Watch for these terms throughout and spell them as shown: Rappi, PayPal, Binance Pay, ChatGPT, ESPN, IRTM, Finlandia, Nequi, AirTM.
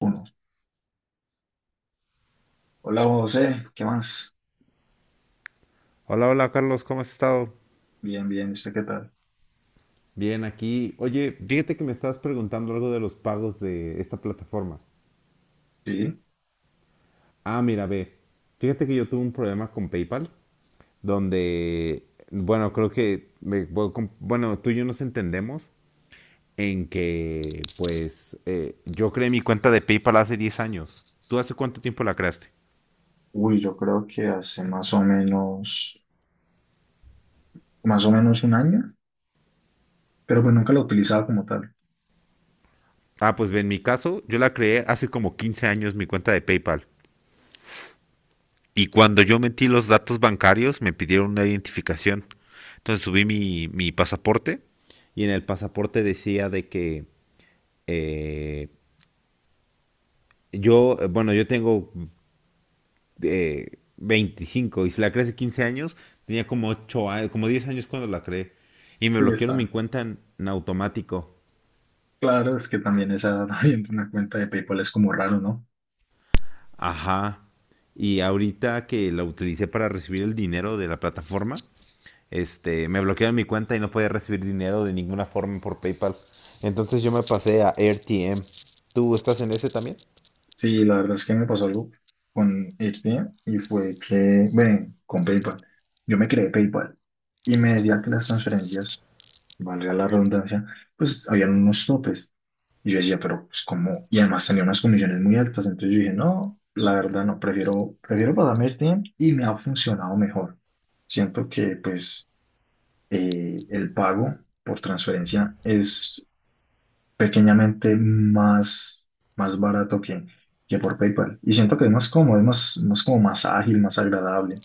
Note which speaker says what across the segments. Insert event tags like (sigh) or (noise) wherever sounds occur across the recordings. Speaker 1: Uno. Hola José, ¿qué más?
Speaker 2: Hola, hola Carlos, ¿cómo has estado?
Speaker 1: Bien, bien, ¿y usted qué tal?
Speaker 2: Bien, aquí. Oye, fíjate que me estabas preguntando algo de los pagos de esta plataforma.
Speaker 1: Sí.
Speaker 2: Ah, mira, ve. Fíjate que yo tuve un problema con PayPal, donde, bueno, creo que, me- bueno, com- bueno, tú y yo nos entendemos en que, pues, yo creé mi cuenta de PayPal hace 10 años. ¿Tú hace cuánto tiempo la creaste?
Speaker 1: Uy, yo creo que hace más o menos un año, pero pues nunca lo he utilizado como tal.
Speaker 2: Ah, pues ve, en mi caso, yo la creé hace como 15 años mi cuenta de PayPal. Y cuando yo metí los datos bancarios, me pidieron una identificación. Entonces subí mi pasaporte. Y en el pasaporte decía de que eh, yo, bueno, yo tengo 25 y si la creé hace 15 años, tenía como 8 años, como 10 años cuando la creé. Y me
Speaker 1: Sí, está.
Speaker 2: bloquearon mi cuenta en automático.
Speaker 1: Claro, es que también esa edad (laughs) abriendo una cuenta de PayPal es como raro, ¿no?
Speaker 2: Ajá. Y ahorita que la utilicé para recibir el dinero de la plataforma, este, me bloquearon mi cuenta y no podía recibir dinero de ninguna forma por PayPal. Entonces yo me pasé a AirTM. ¿Tú estás en ese también?
Speaker 1: Sí, la verdad es que me pasó algo con Irtia y fue que, bueno, con PayPal. Yo me creé PayPal y me decía que las transferencias, valga la redundancia, pues habían unos topes. Y yo decía, pero pues como, y además tenía unas comisiones muy altas, entonces yo dije, no, la verdad no, prefiero pasarme el tiempo y me ha funcionado mejor. Siento que pues el pago por transferencia es pequeñamente más barato que por PayPal. Y siento que es más cómodo, es más como más ágil, más agradable.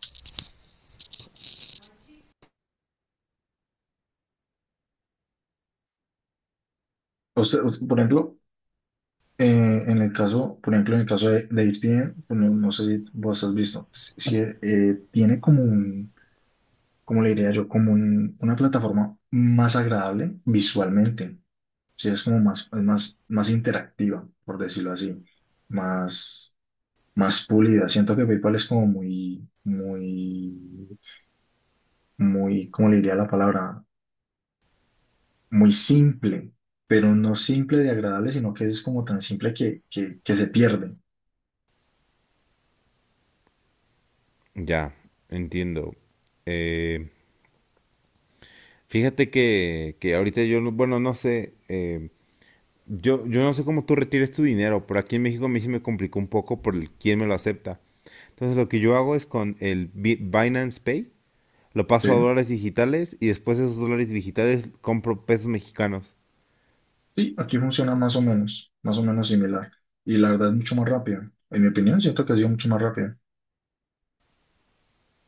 Speaker 1: O sea, por ejemplo, Eh, en el caso, por ejemplo, en el caso de ESPN, pues, no, no sé si vos has visto, si, si, tiene como como le diría yo, como una plataforma más agradable visualmente, sí es como más, es más interactiva, por decirlo así, más, más pulida. Siento que PayPal es como muy, muy, muy, ¿cómo le diría la palabra? Muy simple, pero no simple de agradable, sino que es como tan simple que se pierde,
Speaker 2: Ya, entiendo. Eh, Fíjate que ahorita yo, yo no sé cómo tú retires tu dinero, pero aquí en México a mí sí me complicó un poco por el, quién me lo acepta. Entonces lo que yo hago es con el Binance Pay, lo
Speaker 1: ¿sí?
Speaker 2: paso a dólares digitales y después de esos dólares digitales compro pesos mexicanos.
Speaker 1: Sí, aquí funciona más o menos similar. Y la verdad es mucho más rápida. En mi opinión, siento que ha sido mucho más rápida.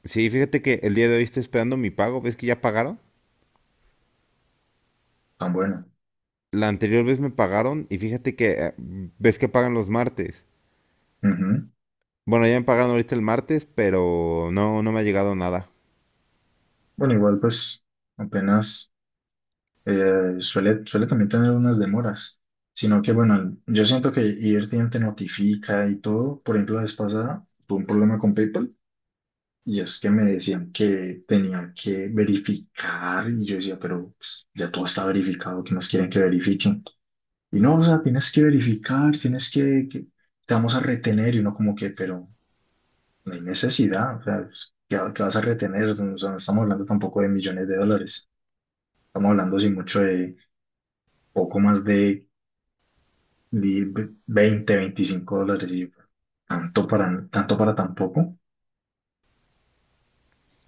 Speaker 2: Sí, fíjate que el día de hoy estoy esperando mi pago. ¿Ves que ya pagaron?
Speaker 1: Tan bueno.
Speaker 2: La anterior vez me pagaron y fíjate que ves que pagan los martes.
Speaker 1: Ujú.
Speaker 2: Bueno, ya me pagaron ahorita el martes, pero no me ha llegado nada.
Speaker 1: Bueno, igual pues apenas suele también tener unas demoras. Sino que bueno, yo siento que IRTM te notifica y todo. Por ejemplo, la vez pasada tuve un problema con PayPal y es que me decían que tenía que verificar y yo decía, pero pues, ya todo está verificado, ¿qué más quieren que verifique? Y no, o sea, tienes que verificar, tienes te vamos a retener y uno como que, pero no hay necesidad, o sea, pues, ¿ qué vas a retener? O sea, no estamos hablando tampoco de millones de dólares, estamos hablando sin mucho de poco más de, di- 20, $25 y yo, tanto para, tanto para tampoco.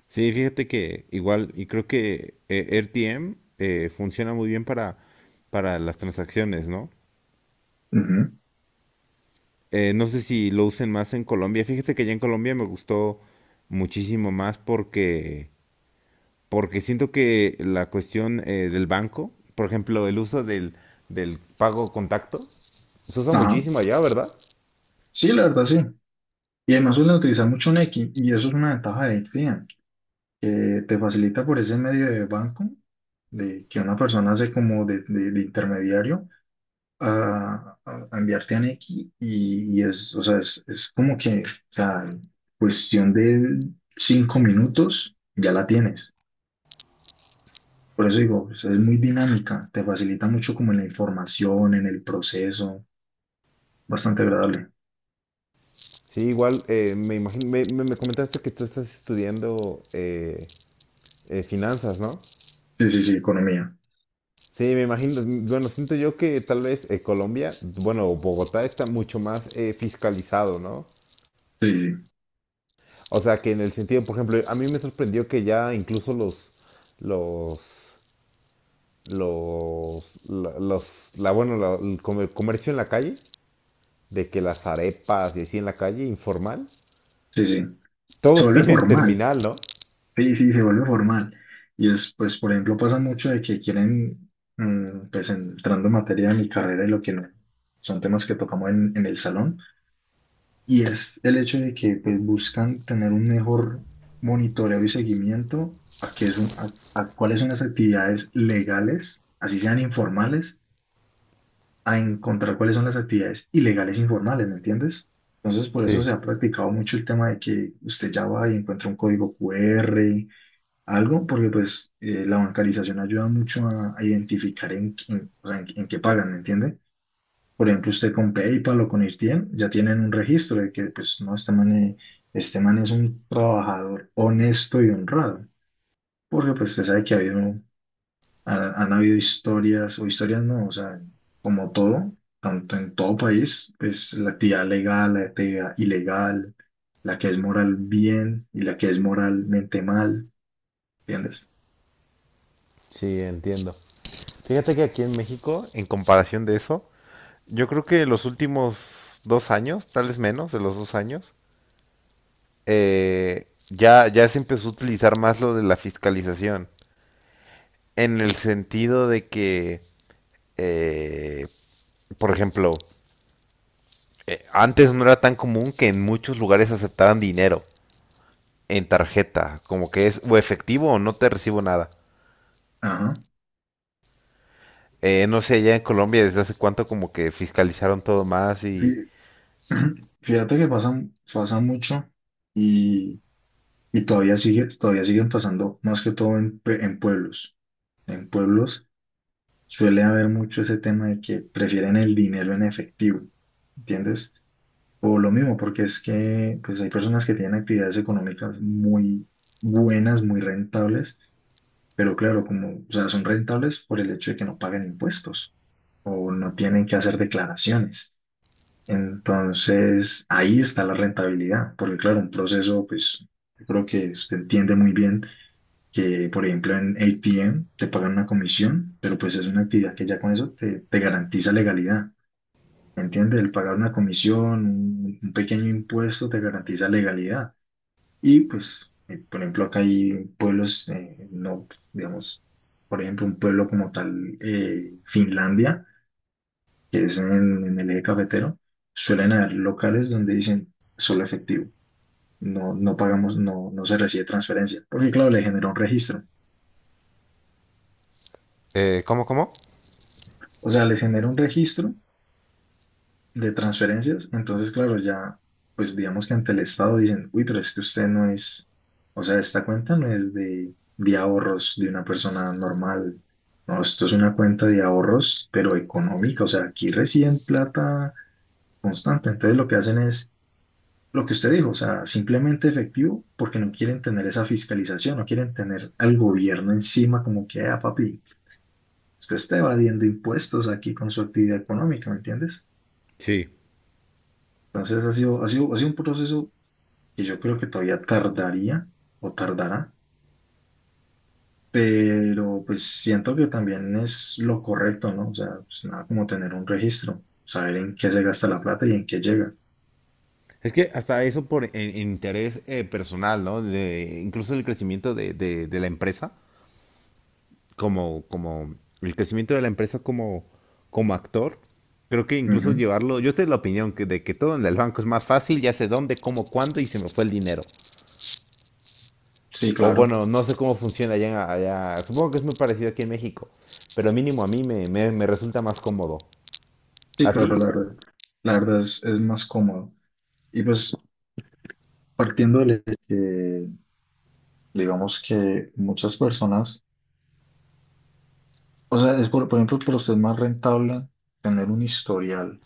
Speaker 2: Sí, fíjate que igual, y creo que RTM funciona muy bien para las transacciones, ¿no?
Speaker 1: Ujú.
Speaker 2: No sé si lo usen más en Colombia. Fíjate que ya en Colombia me gustó muchísimo más porque siento que la cuestión del banco, por ejemplo, el uso del pago contacto, se usa
Speaker 1: Ajá.
Speaker 2: muchísimo allá, ¿verdad?
Speaker 1: Sí, la verdad sí. Y además suelen utilizar mucho Nequi y eso es una ventaja de AirTM, que te facilita por ese medio de banco de que una persona hace como de intermediario a enviarte a Nequi y es, o sea, es como que, o sea, en cuestión de 5 minutos ya la tienes. Por eso digo, o sea, es muy dinámica, te facilita mucho como en la información, en el proceso, bastante agradable.
Speaker 2: Sí, igual me imagino, me comentaste que tú estás estudiando finanzas, ¿no?
Speaker 1: Sí, sí, sí, economía.
Speaker 2: Sí, me imagino, mm, bueno, siento yo que tal vez Colombia, bueno, Bogotá está mucho más fiscalizado, ¿no?
Speaker 1: Sí, sí,
Speaker 2: O sea, que en el sentido, por ejemplo, a mí me sorprendió que ya incluso los, los, los la, bueno, la- el comercio en la calle, de que las arepas y así en la calle, informal,
Speaker 1: sí, sí. Se
Speaker 2: todos (laughs)
Speaker 1: vuelve
Speaker 2: tienen
Speaker 1: formal.
Speaker 2: terminal, ¿no?
Speaker 1: Sí, sí, se vuelve formal. Y es, pues, por ejemplo, pasa mucho de que quieren, mm, pues, entrando en materia de mi carrera y lo que no, son temas que tocamos en el salón. Y es el hecho de que pues, buscan tener un mejor monitoreo y seguimiento a, a cuáles son las actividades legales, así sean informales, a encontrar cuáles son las actividades ilegales informales, ¿me entiendes? Entonces, por eso
Speaker 2: Sí,
Speaker 1: se ha practicado mucho el tema de que usted ya va y encuentra un código Q R algo, porque pues la bancarización ayuda mucho a identificar o sea, en qué pagan, ¿me entiende? Por ejemplo, usted con PayPal o con Irtiem ya tienen un registro de que, pues, no, este man es un trabajador honesto y honrado. Porque, pues, usted sabe que ha habido, han habido historias, o historias no, o sea, como todo, tanto en todo país, pues, la actividad legal, la actividad ilegal, la que es moral bien y la que es moralmente mal, ¿entiendes?
Speaker 2: sí, entiendo. Fíjate que aquí en México, en comparación de eso, yo creo que los últimos dos años, tal vez menos de los dos años, ya se empezó a utilizar más lo de la fiscalización. En el sentido de que, eh, por ejemplo, antes no era tan común que en muchos lugares aceptaran dinero en tarjeta, como que es o efectivo o no te recibo nada.
Speaker 1: Ajá.
Speaker 2: No sé, allá en Colombia desde hace cuánto como que fiscalizaron todo más y...
Speaker 1: Fí- (clears throat) Fíjate que pasa, pasa mucho y. Y todavía sigue, todavía siguen pasando, más que todo en, en pueblos. En pueblos suele haber mucho ese tema de que prefieren el dinero en efectivo, ¿entiendes? O lo mismo, porque es que pues hay personas que tienen actividades económicas muy buenas, muy rentables, pero claro, como, o sea, son rentables por el hecho de que no pagan impuestos o no tienen que hacer declaraciones. Entonces, ahí está la rentabilidad, porque claro, un proceso, pues, yo creo que usted entiende muy bien que por ejemplo en ATM te pagan una comisión, pero pues es una actividad que ya con eso te, te garantiza legalidad, ¿me entiendes? El pagar una comisión, un pequeño impuesto te garantiza legalidad. Y pues, por ejemplo, acá hay pueblos, no, digamos, por ejemplo, un pueblo como tal, Finlandia, que es en el eje cafetero, suelen haber locales donde dicen solo efectivo. No, no pagamos, no, no se recibe transferencia, porque claro, le genera un registro.
Speaker 2: ¿Cómo, cómo?
Speaker 1: O sea, les genera un registro de transferencias, entonces claro, ya, pues digamos que ante el Estado dicen, uy, pero es que usted no es, o sea, esta cuenta no es de ahorros de una persona normal, no, esto es una cuenta de ahorros, pero económica, o sea, aquí reciben plata constante, entonces lo que hacen es lo que usted dijo, o sea, simplemente efectivo, porque no quieren tener esa fiscalización, no quieren tener al gobierno encima como que, ah, papi, usted está evadiendo impuestos aquí con su actividad económica, ¿me entiendes?
Speaker 2: Sí.
Speaker 1: Entonces ha sido un proceso que yo creo que todavía tardaría o tardará, pero pues siento que también es lo correcto, ¿no? O sea, pues, nada como tener un registro, saber en qué se gasta la plata y en qué llega.
Speaker 2: Es que hasta eso interés personal, ¿no? De, incluso el crecimiento de la empresa, como el crecimiento de la empresa como actor, creo que incluso
Speaker 1: Ujú.
Speaker 2: llevarlo, yo estoy de la opinión de que todo en el banco es más fácil, ya sé dónde, cómo, cuándo y se me fue el dinero.
Speaker 1: Sí,
Speaker 2: O
Speaker 1: claro.
Speaker 2: bueno, no sé cómo funciona allá, allá. Supongo que es muy parecido aquí en México, pero mínimo a mí me resulta más cómodo.
Speaker 1: Sí,
Speaker 2: ¿A ti?
Speaker 1: claro, la verdad. La verdad es más cómodo. Y pues partiendo de que, digamos que muchas personas, o sea, es por ejemplo, para usted es más rentable tener un historial,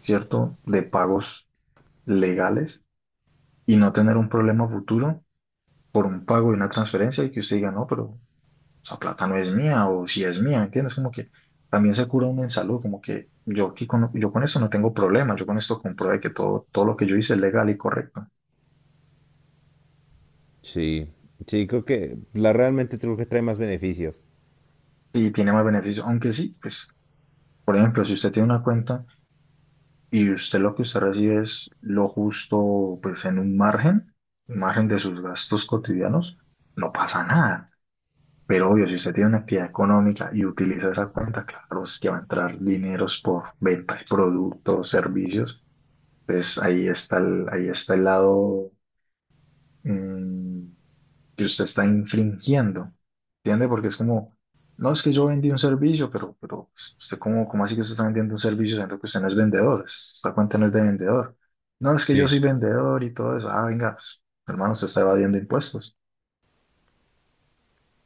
Speaker 1: ¿cierto? De pagos legales y no tener un problema futuro por un pago y una transferencia y que usted diga, no, pero esa plata no es mía o si es mía, ¿me entiendes? Como que también se cura uno en salud, como que yo aquí con, yo con esto no tengo problema, yo con esto compruebe que todo, todo lo que yo hice es legal y correcto
Speaker 2: Sí, sí, creo que la realmente creo que trae más beneficios.
Speaker 1: y tiene más beneficios, aunque sí, pues, por ejemplo, si usted tiene una cuenta y usted lo que usted recibe es lo justo, pues en un margen de sus gastos cotidianos, no pasa nada. Pero obvio, si usted tiene una actividad económica y utiliza esa cuenta, claro, es que va a entrar dineros por venta de productos, servicios. Entonces ahí está el lado mm, que usted está infringiendo. ¿Entiende? Porque es como, no es que yo vendí un servicio, pero usted como, ¿cómo así que usted está vendiendo un servicio siendo que usted no es vendedor? Esta cuenta no es de vendedor. No, es que yo
Speaker 2: Sí,
Speaker 1: soy vendedor y todo eso. Ah, venga, pues, hermano, usted está evadiendo impuestos.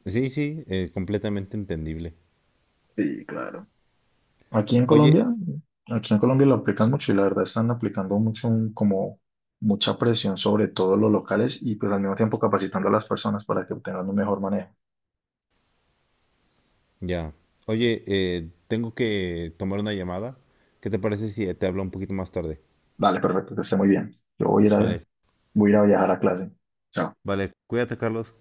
Speaker 2: sí, sí, completamente entendible.
Speaker 1: Sí, claro. Aquí en
Speaker 2: Oye,
Speaker 1: Colombia, aquí en Colombia lo aplican mucho y la verdad están aplicando mucho como mucha presión sobre todos los locales y pues al mismo tiempo capacitando a las personas para que obtengan un mejor manejo.
Speaker 2: ya, oye, tengo que tomar una llamada. ¿Qué te parece si te hablo un poquito más tarde?
Speaker 1: Vale, perfecto, que esté muy bien. Yo voy a ir a,
Speaker 2: Vale,
Speaker 1: voy a ir a viajar a clase. Chao.
Speaker 2: vale, cuídate, Carlos.